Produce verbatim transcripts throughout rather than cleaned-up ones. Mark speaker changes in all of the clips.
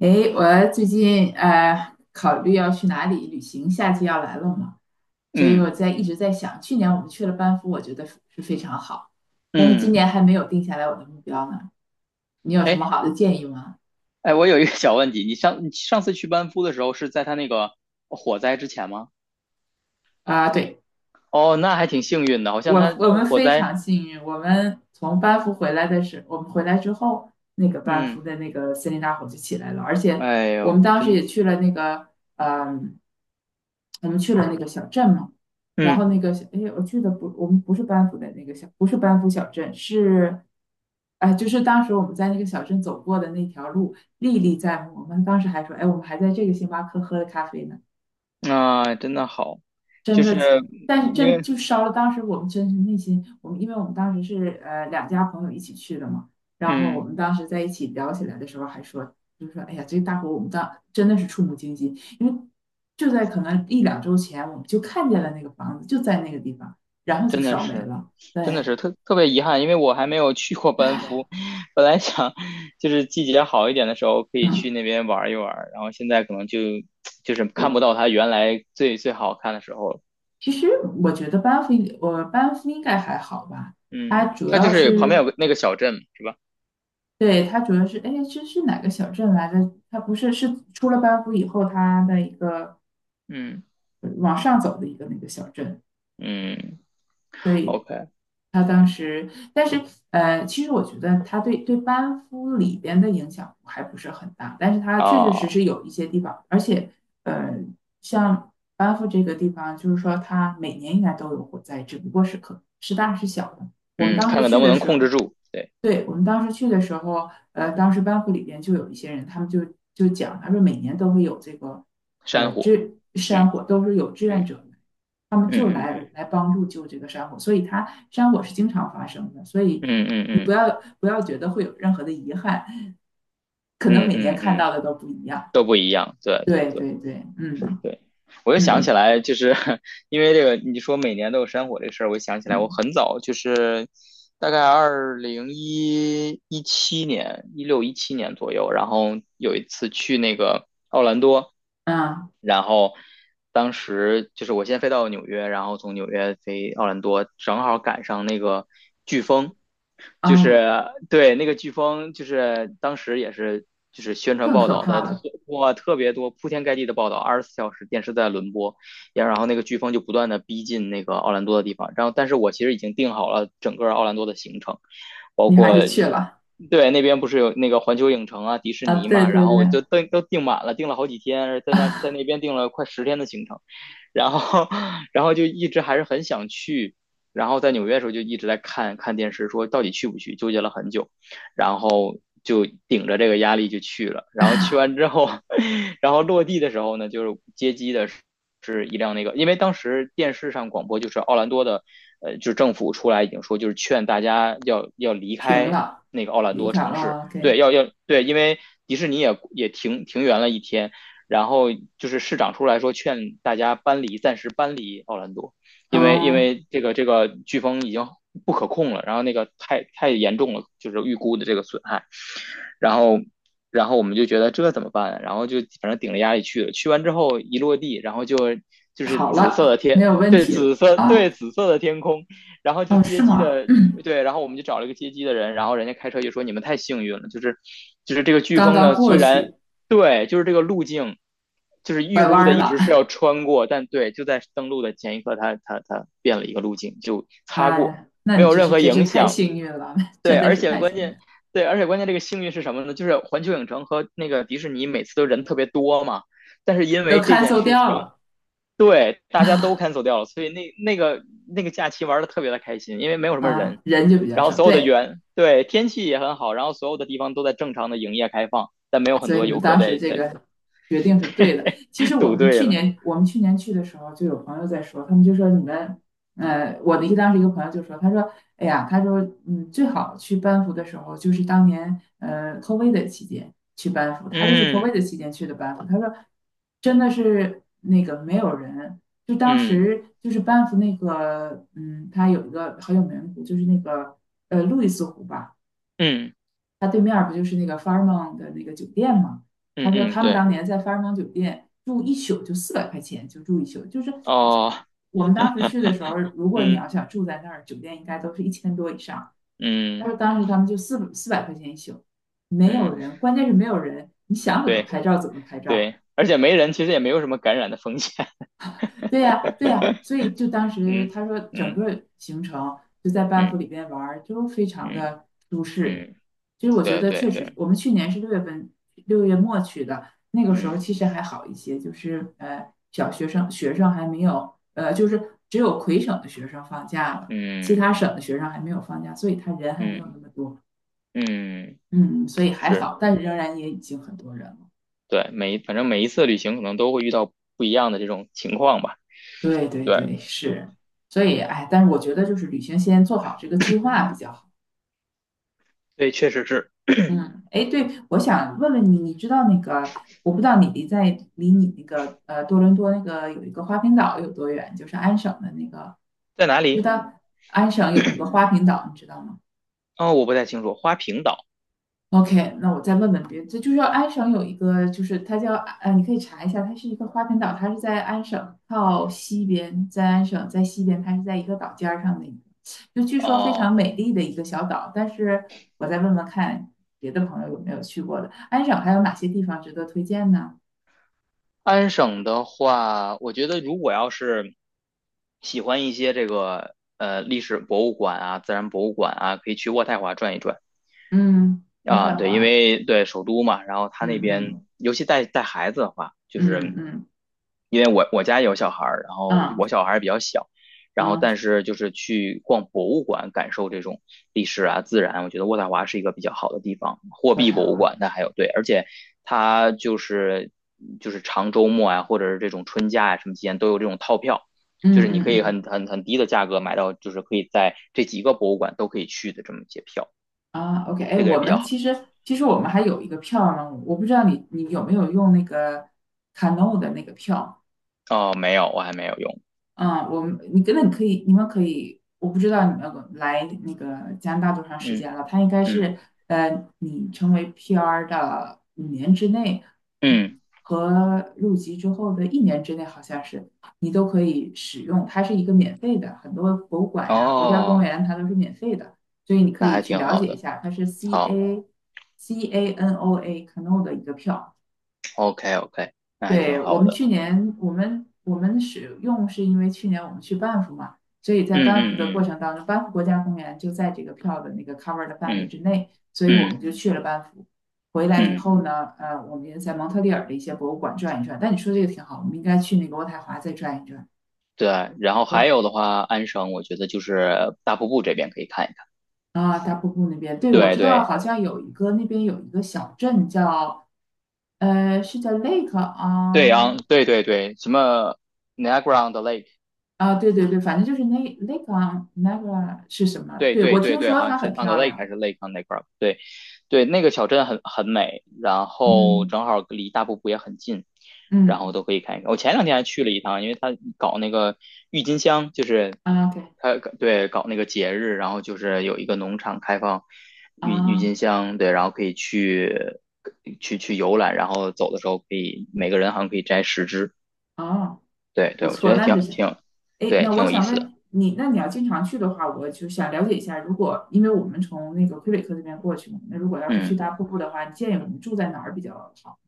Speaker 1: 诶，我最近呃考虑要去哪里旅行，夏季要来了嘛，所以
Speaker 2: 嗯
Speaker 1: 我在一直在想，去年我们去了班夫，我觉得是非常好，但是今
Speaker 2: 嗯，
Speaker 1: 年还没有定下来我的目标呢。你有什么
Speaker 2: 哎
Speaker 1: 好的建议吗？
Speaker 2: 哎，我有一个小问题，你上你上次去班夫的时候是在他那个火灾之前吗？
Speaker 1: 啊、对，
Speaker 2: 哦，那还挺幸运的，好像
Speaker 1: 我
Speaker 2: 他
Speaker 1: 我们
Speaker 2: 火
Speaker 1: 非
Speaker 2: 灾，
Speaker 1: 常幸运，我们从班夫回来的时候，我们回来之后，那个班夫
Speaker 2: 嗯，
Speaker 1: 的那个森林大火就起来了，而且
Speaker 2: 哎
Speaker 1: 我们
Speaker 2: 呦，
Speaker 1: 当时
Speaker 2: 真，
Speaker 1: 也去了那个，嗯，我们去了那个小镇嘛，然后
Speaker 2: 嗯
Speaker 1: 那个小，哎，我去的不，我们不是班夫的那个小，不是班夫小镇，是，哎，就是当时我们在那个小镇走过的那条路历历在目，我们当时还说，哎，我们还在这个星巴克喝了咖啡呢。
Speaker 2: 啊，真的好，
Speaker 1: 真
Speaker 2: 就
Speaker 1: 的，
Speaker 2: 是
Speaker 1: 但是
Speaker 2: 因
Speaker 1: 真
Speaker 2: 为，
Speaker 1: 就烧了。当时我们真是内心，我们因为我们当时是呃两家朋友一起去的嘛，然后我
Speaker 2: 嗯，
Speaker 1: 们当时在一起聊起来的时候还说，就说哎呀，这个大火我们当真的是触目惊心，因为就在可能一两周前，我们就看见了那个房子就在那个地方，然后就
Speaker 2: 真的
Speaker 1: 烧没
Speaker 2: 是，
Speaker 1: 了。
Speaker 2: 真的
Speaker 1: 对，
Speaker 2: 是特特别遗憾，因为我还没有去过 班
Speaker 1: 唉。
Speaker 2: 夫，本来想就是季节好一点的时候可以去
Speaker 1: 嗯，
Speaker 2: 那边玩一玩，然后现在可能就 就是
Speaker 1: 我
Speaker 2: 看不到他原来最最好看的时候了。
Speaker 1: 其实我觉得班夫，我班夫应该还好吧。它
Speaker 2: 嗯，
Speaker 1: 主
Speaker 2: 它
Speaker 1: 要
Speaker 2: 就
Speaker 1: 嗯
Speaker 2: 是旁边
Speaker 1: 是，
Speaker 2: 有个那个小镇是吧？
Speaker 1: 对，它主要是，哎，这是哪个小镇来着？它不是，是出了班夫以后，它的一个
Speaker 2: 嗯
Speaker 1: 呃往上走的一个那个小镇。
Speaker 2: 嗯
Speaker 1: 所以
Speaker 2: ，OK
Speaker 1: 他当时，但是呃，其实我觉得他对对班夫里边的影响还不是很大，但是他确确实
Speaker 2: 啊，
Speaker 1: 实有一些地方，而且呃，像班夫这个地方，就是说它每年应该都有火灾，只不过是可是大是小的。我们
Speaker 2: 嗯，
Speaker 1: 当
Speaker 2: 看
Speaker 1: 时
Speaker 2: 看
Speaker 1: 去
Speaker 2: 能不
Speaker 1: 的
Speaker 2: 能
Speaker 1: 时
Speaker 2: 控制
Speaker 1: 候。
Speaker 2: 住，对，
Speaker 1: 对，我们当时去的时候，呃，当时班会里边就有一些人，他们就就讲，他说每年都会有这个，呃，
Speaker 2: 山火，
Speaker 1: 志山
Speaker 2: 嗯
Speaker 1: 火都是有志愿
Speaker 2: 嗯
Speaker 1: 者来，他们就
Speaker 2: 嗯
Speaker 1: 来来帮助救这个山火，所以它山火是经常发生的，所以
Speaker 2: 嗯嗯
Speaker 1: 你不
Speaker 2: 嗯
Speaker 1: 要不要觉得会有任何的遗憾，可能
Speaker 2: 嗯
Speaker 1: 每年
Speaker 2: 嗯
Speaker 1: 看到
Speaker 2: 嗯，
Speaker 1: 的都不一样。
Speaker 2: 都不一样，对对
Speaker 1: 对
Speaker 2: 对
Speaker 1: 对对，嗯
Speaker 2: 对，我又想起
Speaker 1: 嗯
Speaker 2: 来，就是 因为这个你说每年都有山火这事儿，我就想起来我
Speaker 1: 嗯。
Speaker 2: 很早就是大概二零一一七年、一六一七年左右，然后有一次去那个奥兰多。
Speaker 1: 啊，
Speaker 2: 然后当时就是我先飞到纽约，然后从纽约飞奥兰多，正好赶上那个飓风，
Speaker 1: 哎
Speaker 2: 就是
Speaker 1: 呀，
Speaker 2: 对那个飓风，就是当时也是就是宣传
Speaker 1: 更
Speaker 2: 报
Speaker 1: 可
Speaker 2: 道
Speaker 1: 怕
Speaker 2: 的特
Speaker 1: 了，
Speaker 2: 哇特别多，铺天盖地的报道，二十四小时电视在轮播，也然后那个飓风就不断的逼近那个奥兰多的地方，然后但是我其实已经定好了整个奥兰多的行程，包
Speaker 1: 你还
Speaker 2: 括
Speaker 1: 是去了
Speaker 2: 对，那边不是有那个环球影城啊、迪士
Speaker 1: 啊？
Speaker 2: 尼
Speaker 1: 对
Speaker 2: 嘛，然
Speaker 1: 对
Speaker 2: 后我
Speaker 1: 对，
Speaker 2: 就订都订满了，订了好几天，在那在那边订了快十天的行程，然后 然后就一直还是很想去，然后在纽约的时候就一直在看看电视，说到底去不去，纠结了很久，然后就顶着这个压力就去了，然后去 完之后，然后落地的时候呢，就是接机的时是一辆那个，因为当时电视上广播就是奥兰多的，呃，就是政府出来已经说，就是劝大家要要离
Speaker 1: 停
Speaker 2: 开
Speaker 1: 了，
Speaker 2: 那个奥兰
Speaker 1: 离
Speaker 2: 多
Speaker 1: 开
Speaker 2: 城市，
Speaker 1: 啊 o
Speaker 2: 对，
Speaker 1: k。
Speaker 2: 要要对，因为迪士尼也也停停园了一天，然后就是市长出来说劝大家搬离，暂时搬离奥兰多，因为因
Speaker 1: 嗯，
Speaker 2: 为这个这个飓风已经不可控了，然后那个太太严重了，就是预估的这个损害，然后，然后我们就觉得这怎么办啊？然后就反正顶着压力去了，去完之后一落地，然后就就是
Speaker 1: 好
Speaker 2: 紫色
Speaker 1: 了，
Speaker 2: 的
Speaker 1: 没
Speaker 2: 天，
Speaker 1: 有问
Speaker 2: 对，
Speaker 1: 题了
Speaker 2: 紫色，对，
Speaker 1: 啊。
Speaker 2: 紫色的天空，然后就
Speaker 1: 哦，是
Speaker 2: 接机
Speaker 1: 吗？
Speaker 2: 的，
Speaker 1: 嗯，
Speaker 2: 对，然后我们就找了一个接机的人，然后人家开车就说你们太幸运了，就是就是这个飓
Speaker 1: 刚
Speaker 2: 风呢，
Speaker 1: 刚过
Speaker 2: 虽然
Speaker 1: 去，
Speaker 2: 对，就是这个路径。就是预
Speaker 1: 拐弯
Speaker 2: 估的
Speaker 1: 儿
Speaker 2: 一
Speaker 1: 了。
Speaker 2: 直是要穿过，但对，就在登陆的前一刻，它它它变了一个路径，就擦过，
Speaker 1: 哎，那
Speaker 2: 没
Speaker 1: 你
Speaker 2: 有
Speaker 1: 真
Speaker 2: 任
Speaker 1: 是
Speaker 2: 何
Speaker 1: 真是
Speaker 2: 影
Speaker 1: 太
Speaker 2: 响。
Speaker 1: 幸运了，
Speaker 2: 对，
Speaker 1: 真的
Speaker 2: 而
Speaker 1: 是
Speaker 2: 且
Speaker 1: 太
Speaker 2: 关
Speaker 1: 幸运
Speaker 2: 键，
Speaker 1: 了。
Speaker 2: 对，而且关键这个幸运是什么呢？就是环球影城和那个迪士尼每次都人特别多嘛，但是因
Speaker 1: 都
Speaker 2: 为这件
Speaker 1: cancel
Speaker 2: 事
Speaker 1: 掉
Speaker 2: 情，
Speaker 1: 了
Speaker 2: 对，大家都 cancel 掉了，所以那那个那个假期玩的特别的开心，因为没有什么人，
Speaker 1: 啊，人就比较
Speaker 2: 然后
Speaker 1: 少。
Speaker 2: 所有的
Speaker 1: 对，
Speaker 2: 园，对，天气也很好，然后所有的地方都在正常的营业开放，但没有很
Speaker 1: 所以
Speaker 2: 多
Speaker 1: 你
Speaker 2: 游
Speaker 1: 们
Speaker 2: 客
Speaker 1: 当时
Speaker 2: 在
Speaker 1: 这
Speaker 2: 在
Speaker 1: 个决定是对的。其
Speaker 2: 在
Speaker 1: 实我
Speaker 2: 堵
Speaker 1: 们
Speaker 2: 队
Speaker 1: 去
Speaker 2: 了。
Speaker 1: 年我们去年去的时候，就有朋友在说，他们就说你们，呃，我的一当时一个朋友就说，他说，哎呀，他说，嗯，最好去班夫的时候就是当年呃 COVID 的期间去班夫，他就是
Speaker 2: 嗯
Speaker 1: COVID 的期间去的班夫，他说真的是那个没有人。就当
Speaker 2: 嗯
Speaker 1: 时就是班夫那个，嗯，他有一个很有名的湖，就是那个呃路易斯湖吧，
Speaker 2: 嗯
Speaker 1: 他对面不就是那个 Fairmont 的那个酒店吗？他
Speaker 2: 嗯
Speaker 1: 说
Speaker 2: 嗯，
Speaker 1: 他们
Speaker 2: 对，
Speaker 1: 当年在 Fairmont 酒店住一宿就四百块钱，就住一宿。就是
Speaker 2: 哦，
Speaker 1: 我们当时去的时候，如果你
Speaker 2: 嗯
Speaker 1: 要想住在那儿，酒店应该都是一千多以上。他
Speaker 2: 嗯
Speaker 1: 说当时他们就四四百块钱一宿，没有
Speaker 2: 嗯，
Speaker 1: 人，关键是没有人，你想怎么
Speaker 2: 对
Speaker 1: 拍照怎么拍照。
Speaker 2: 对，而且没人，其实也没有什么感染的风险。
Speaker 1: 对呀，对呀，所以就当时
Speaker 2: 嗯
Speaker 1: 他说整
Speaker 2: 嗯
Speaker 1: 个行程就在班夫
Speaker 2: 嗯
Speaker 1: 里边玩儿，就非常
Speaker 2: 嗯
Speaker 1: 的舒适。
Speaker 2: 嗯，
Speaker 1: 其实我觉
Speaker 2: 对
Speaker 1: 得
Speaker 2: 对
Speaker 1: 确实，
Speaker 2: 对，
Speaker 1: 我们去年是六月份，六月末去的，那个时候
Speaker 2: 嗯
Speaker 1: 其实还好一些，就是呃小学生学生还没有，呃就是只有魁省的学生放假了，其
Speaker 2: 嗯
Speaker 1: 他省的学生还没有放假，所以他人还没有
Speaker 2: 嗯
Speaker 1: 那么多，
Speaker 2: 嗯，
Speaker 1: 嗯，所以还
Speaker 2: 是，
Speaker 1: 好，但是仍然也已经很多人了。
Speaker 2: 对，每反正每一次旅行可能都会遇到不一样的这种情况吧。
Speaker 1: 对对
Speaker 2: 对
Speaker 1: 对，是，所以哎，但是我觉得就是旅行先做好这个计划比较好。
Speaker 2: 对，确实是
Speaker 1: 嗯，哎，对，我想问问你，你知道那个，我不知道你离在离你那个呃多伦多那个有一个花瓶岛有多远，就是安省的那个，
Speaker 2: 在哪
Speaker 1: 知
Speaker 2: 里？
Speaker 1: 道安省有一个花瓶岛，你知道吗？
Speaker 2: 哦，我不太清楚，花瓶岛。
Speaker 1: OK，那我再问问别，这就是要安省有一个，就是它叫呃，你可以查一下，它是一个花盆岛，它是在安省靠西边，在安省在西边，它是在一个岛尖儿上的一个，就据说非常
Speaker 2: 哦，
Speaker 1: 美丽的一个小岛。但是我再问问看别的朋友有没有去过的，安省还有哪些地方值得推荐呢？
Speaker 2: 安省的话，我觉得如果要是喜欢一些这个呃历史博物馆啊、自然博物馆啊，可以去渥太华转一转。
Speaker 1: 嗯，渥
Speaker 2: 啊，
Speaker 1: 太
Speaker 2: 对，因
Speaker 1: 华，
Speaker 2: 为对首都嘛，然后他那
Speaker 1: 嗯
Speaker 2: 边，
Speaker 1: 嗯
Speaker 2: 尤其带带孩子的话，就
Speaker 1: 嗯
Speaker 2: 是
Speaker 1: 嗯
Speaker 2: 因为我我家有小孩儿，然后
Speaker 1: 嗯
Speaker 2: 我小孩儿比较小，然后
Speaker 1: 嗯，
Speaker 2: 但是就是去逛博物馆，感受这种历史啊、自然，我觉得渥太华是一个比较好的地方。货
Speaker 1: 渥
Speaker 2: 币
Speaker 1: 太
Speaker 2: 博物
Speaker 1: 华，
Speaker 2: 馆那还有对，而且它就是就是长周末啊，或者是这种春假啊什么期间都有这种套票，就
Speaker 1: 嗯
Speaker 2: 是你可
Speaker 1: 嗯
Speaker 2: 以
Speaker 1: 嗯。
Speaker 2: 很很很低的价格买到，就是可以在这几个博物馆都可以去的这么一些票，
Speaker 1: 啊，OK，哎，
Speaker 2: 这个也
Speaker 1: 我
Speaker 2: 比较
Speaker 1: 们
Speaker 2: 好。
Speaker 1: 其实其实我们还有一个票呢，我不知道你你有没有用那个 Cano 的那个票。
Speaker 2: 哦，没有，我还没有用。
Speaker 1: 嗯，我们你根本可以，你们可以，我不知道你们来那个加拿大多长时
Speaker 2: 嗯
Speaker 1: 间了，他应该
Speaker 2: 嗯
Speaker 1: 是呃，你成为 P R 的五年之内，
Speaker 2: 嗯，
Speaker 1: 嗯，和入籍之后的一年之内，好像是你都可以使用，它是一个免费的，很多博物馆呀、国家公
Speaker 2: 哦，
Speaker 1: 园它都是免费的，所以你可
Speaker 2: 那
Speaker 1: 以
Speaker 2: 还
Speaker 1: 去
Speaker 2: 挺
Speaker 1: 了
Speaker 2: 好
Speaker 1: 解一
Speaker 2: 的。
Speaker 1: 下，它是 C
Speaker 2: 好
Speaker 1: A C A N O A Canoa 的一个票。
Speaker 2: ，OK OK，那还挺
Speaker 1: 对，我
Speaker 2: 好
Speaker 1: 们
Speaker 2: 的。
Speaker 1: 去年我们我们使用是因为去年我们去班夫嘛，所以在
Speaker 2: 嗯
Speaker 1: 班夫的过
Speaker 2: 嗯
Speaker 1: 程当中，班夫国家公园就在这个票的那个 cover 的范围
Speaker 2: 嗯
Speaker 1: 之内，所以我
Speaker 2: 嗯
Speaker 1: 们
Speaker 2: 嗯
Speaker 1: 就去了班夫。回来以
Speaker 2: 嗯，
Speaker 1: 后呢，呃，我们也在蒙特利尔的一些博物馆转一转。但你说这个挺好，我们应该去那个渥太华再转一转。
Speaker 2: 对。然后还
Speaker 1: 我
Speaker 2: 有的话，安省我觉得就是大瀑布这边可以看一看。
Speaker 1: 啊，大瀑布那边，对，我
Speaker 2: 对
Speaker 1: 知道
Speaker 2: 对
Speaker 1: 好像有一个那边有一个小镇叫呃，是叫 Lake
Speaker 2: 对，
Speaker 1: on，
Speaker 2: 昂，
Speaker 1: 对。
Speaker 2: 对对对，什么 Niagara on the Lake
Speaker 1: 啊，对对对，反正就是那那个啊那 e 是什么？
Speaker 2: 对
Speaker 1: 对，
Speaker 2: 对
Speaker 1: 我
Speaker 2: 对
Speaker 1: 听
Speaker 2: 对，
Speaker 1: 说
Speaker 2: 好
Speaker 1: 它
Speaker 2: 像是
Speaker 1: 很
Speaker 2: on the
Speaker 1: 漂
Speaker 2: lake 还
Speaker 1: 亮。
Speaker 2: 是 lake on the g r o u n 对对，那个小镇很很美，然后
Speaker 1: 嗯
Speaker 2: 正好离大瀑布也很近，然后
Speaker 1: 嗯，
Speaker 2: 都可以看一看。我前两天还去了一趟，因为他搞那个郁金香，
Speaker 1: 啊，OK
Speaker 2: 他对搞那个节日，然后就是有一个农场开放郁郁
Speaker 1: 啊。
Speaker 2: 金香，对，然后可以去去去游览，然后走的时候可以每个人好像可以摘十支，
Speaker 1: 哦，
Speaker 2: 对对，
Speaker 1: 不
Speaker 2: 我觉
Speaker 1: 错，
Speaker 2: 得
Speaker 1: 那是
Speaker 2: 挺
Speaker 1: 谁？
Speaker 2: 挺
Speaker 1: 哎，
Speaker 2: 对，
Speaker 1: 那
Speaker 2: 挺
Speaker 1: 我
Speaker 2: 有意
Speaker 1: 想
Speaker 2: 思的，
Speaker 1: 问你，那你要经常去的话，我就想了解一下，如果因为我们从那个魁北克那边过去嘛，那如果要是去
Speaker 2: 嗯。
Speaker 1: 大瀑布的话，你建议我们住在哪儿比较好？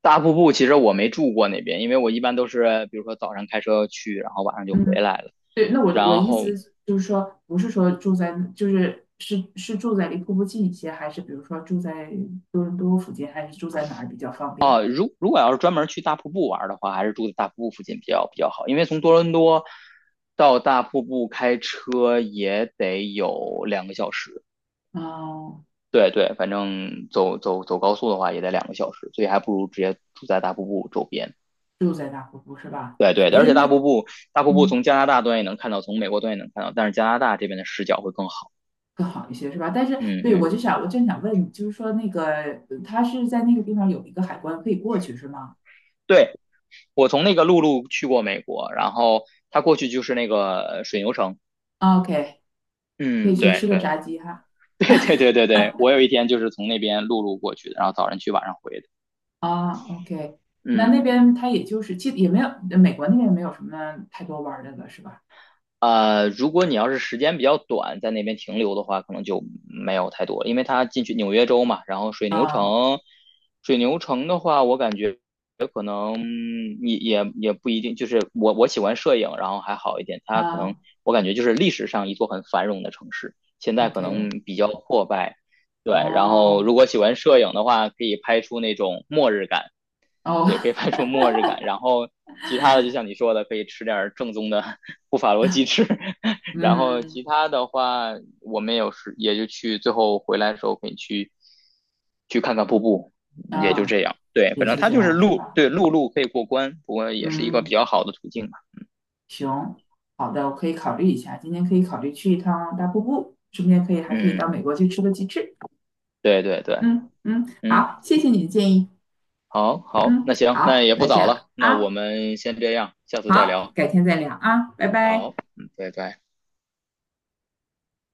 Speaker 2: 大瀑布其实我没住过那边，因为我一般都是比如说早上开车去，然后晚上就回
Speaker 1: 嗯，
Speaker 2: 来了。
Speaker 1: 对，那我我
Speaker 2: 然
Speaker 1: 意
Speaker 2: 后
Speaker 1: 思就是说，不是说住在，就是是是住在离瀑布近一些，还是比如说住在多伦多附近，还是住在哪儿比较方便？
Speaker 2: 如果要是专门去大瀑布玩的话，还是住在大瀑布附近比较比较好，因为从多伦多到大瀑布开车也得有两个小时。
Speaker 1: 哦，
Speaker 2: 对对，反正走走走高速的话也得两个小时，所以还不如直接住在大瀑布周边。
Speaker 1: 住在大瀑布是吧？
Speaker 2: 对对，
Speaker 1: 哎，
Speaker 2: 而且
Speaker 1: 那
Speaker 2: 大瀑布大瀑布从
Speaker 1: 嗯，
Speaker 2: 加拿大端也能看到，从美国端也能看到，但是加拿大这边的视角会更好。
Speaker 1: 更好一些是吧？但是
Speaker 2: 嗯
Speaker 1: 对我
Speaker 2: 嗯，
Speaker 1: 就想，我就想问，就是说那个呃他是在那个地方有一个海关可以过去是吗
Speaker 2: 对，我从那个陆路去过美国，然后他过去就是那个呃水牛城。
Speaker 1: o k 可
Speaker 2: 嗯，
Speaker 1: 以去
Speaker 2: 对
Speaker 1: 吃个
Speaker 2: 对
Speaker 1: 炸鸡哈。
Speaker 2: 对对对对对，我有一天就是从那边陆路过去的，然后早晨去，晚上回的。
Speaker 1: 啊，OK，那
Speaker 2: 嗯。
Speaker 1: 那边他也就是其实也没有，美国那边没有什么太多玩儿的了是吧？
Speaker 2: 呃，如果你要是时间比较短，在那边停留的话，可能就没有太多，因为它进去纽约州嘛，然后水牛
Speaker 1: 啊。
Speaker 2: 城，水牛城的话，我感觉可能嗯也也也不一定，就是我我喜欢摄影，然后还好一点，它可能
Speaker 1: 啊
Speaker 2: 我感觉就是历史上一座很繁荣的城市，现在可能
Speaker 1: ，OK，
Speaker 2: 比较破败，对，然后
Speaker 1: 哦。
Speaker 2: 如果喜欢摄影的话，可以拍出那种末日感，对，可
Speaker 1: 哦，
Speaker 2: 以拍出末日感。然后其他的，就像你说的，可以吃点正宗的 布法罗鸡翅。然后
Speaker 1: 嗯
Speaker 2: 其他的话，我们有时也就去，最后回来的时候可以去去看看瀑布，
Speaker 1: 嗯。
Speaker 2: 也就
Speaker 1: 啊，
Speaker 2: 这样。对，
Speaker 1: 也
Speaker 2: 反正
Speaker 1: 就
Speaker 2: 它
Speaker 1: 这
Speaker 2: 就是
Speaker 1: 样是
Speaker 2: 陆，
Speaker 1: 吧？
Speaker 2: 对，陆路可以过关，不过也是一个比
Speaker 1: 嗯。
Speaker 2: 较好的途径吧。
Speaker 1: 行，好的，我可以考虑一下，今天可以考虑去一趟大瀑布，顺便可以还可以
Speaker 2: 嗯，
Speaker 1: 到美国去吃个鸡翅。
Speaker 2: 对对对，
Speaker 1: 嗯嗯，
Speaker 2: 嗯，
Speaker 1: 好，谢谢你的建议。
Speaker 2: 好好，
Speaker 1: 嗯，
Speaker 2: 那行，那
Speaker 1: 好，
Speaker 2: 也不
Speaker 1: 那这
Speaker 2: 早了，
Speaker 1: 样
Speaker 2: 那我
Speaker 1: 啊，
Speaker 2: 们先这样，下次再
Speaker 1: 好，
Speaker 2: 聊。
Speaker 1: 改天再聊啊，拜拜。
Speaker 2: 好，嗯，拜拜。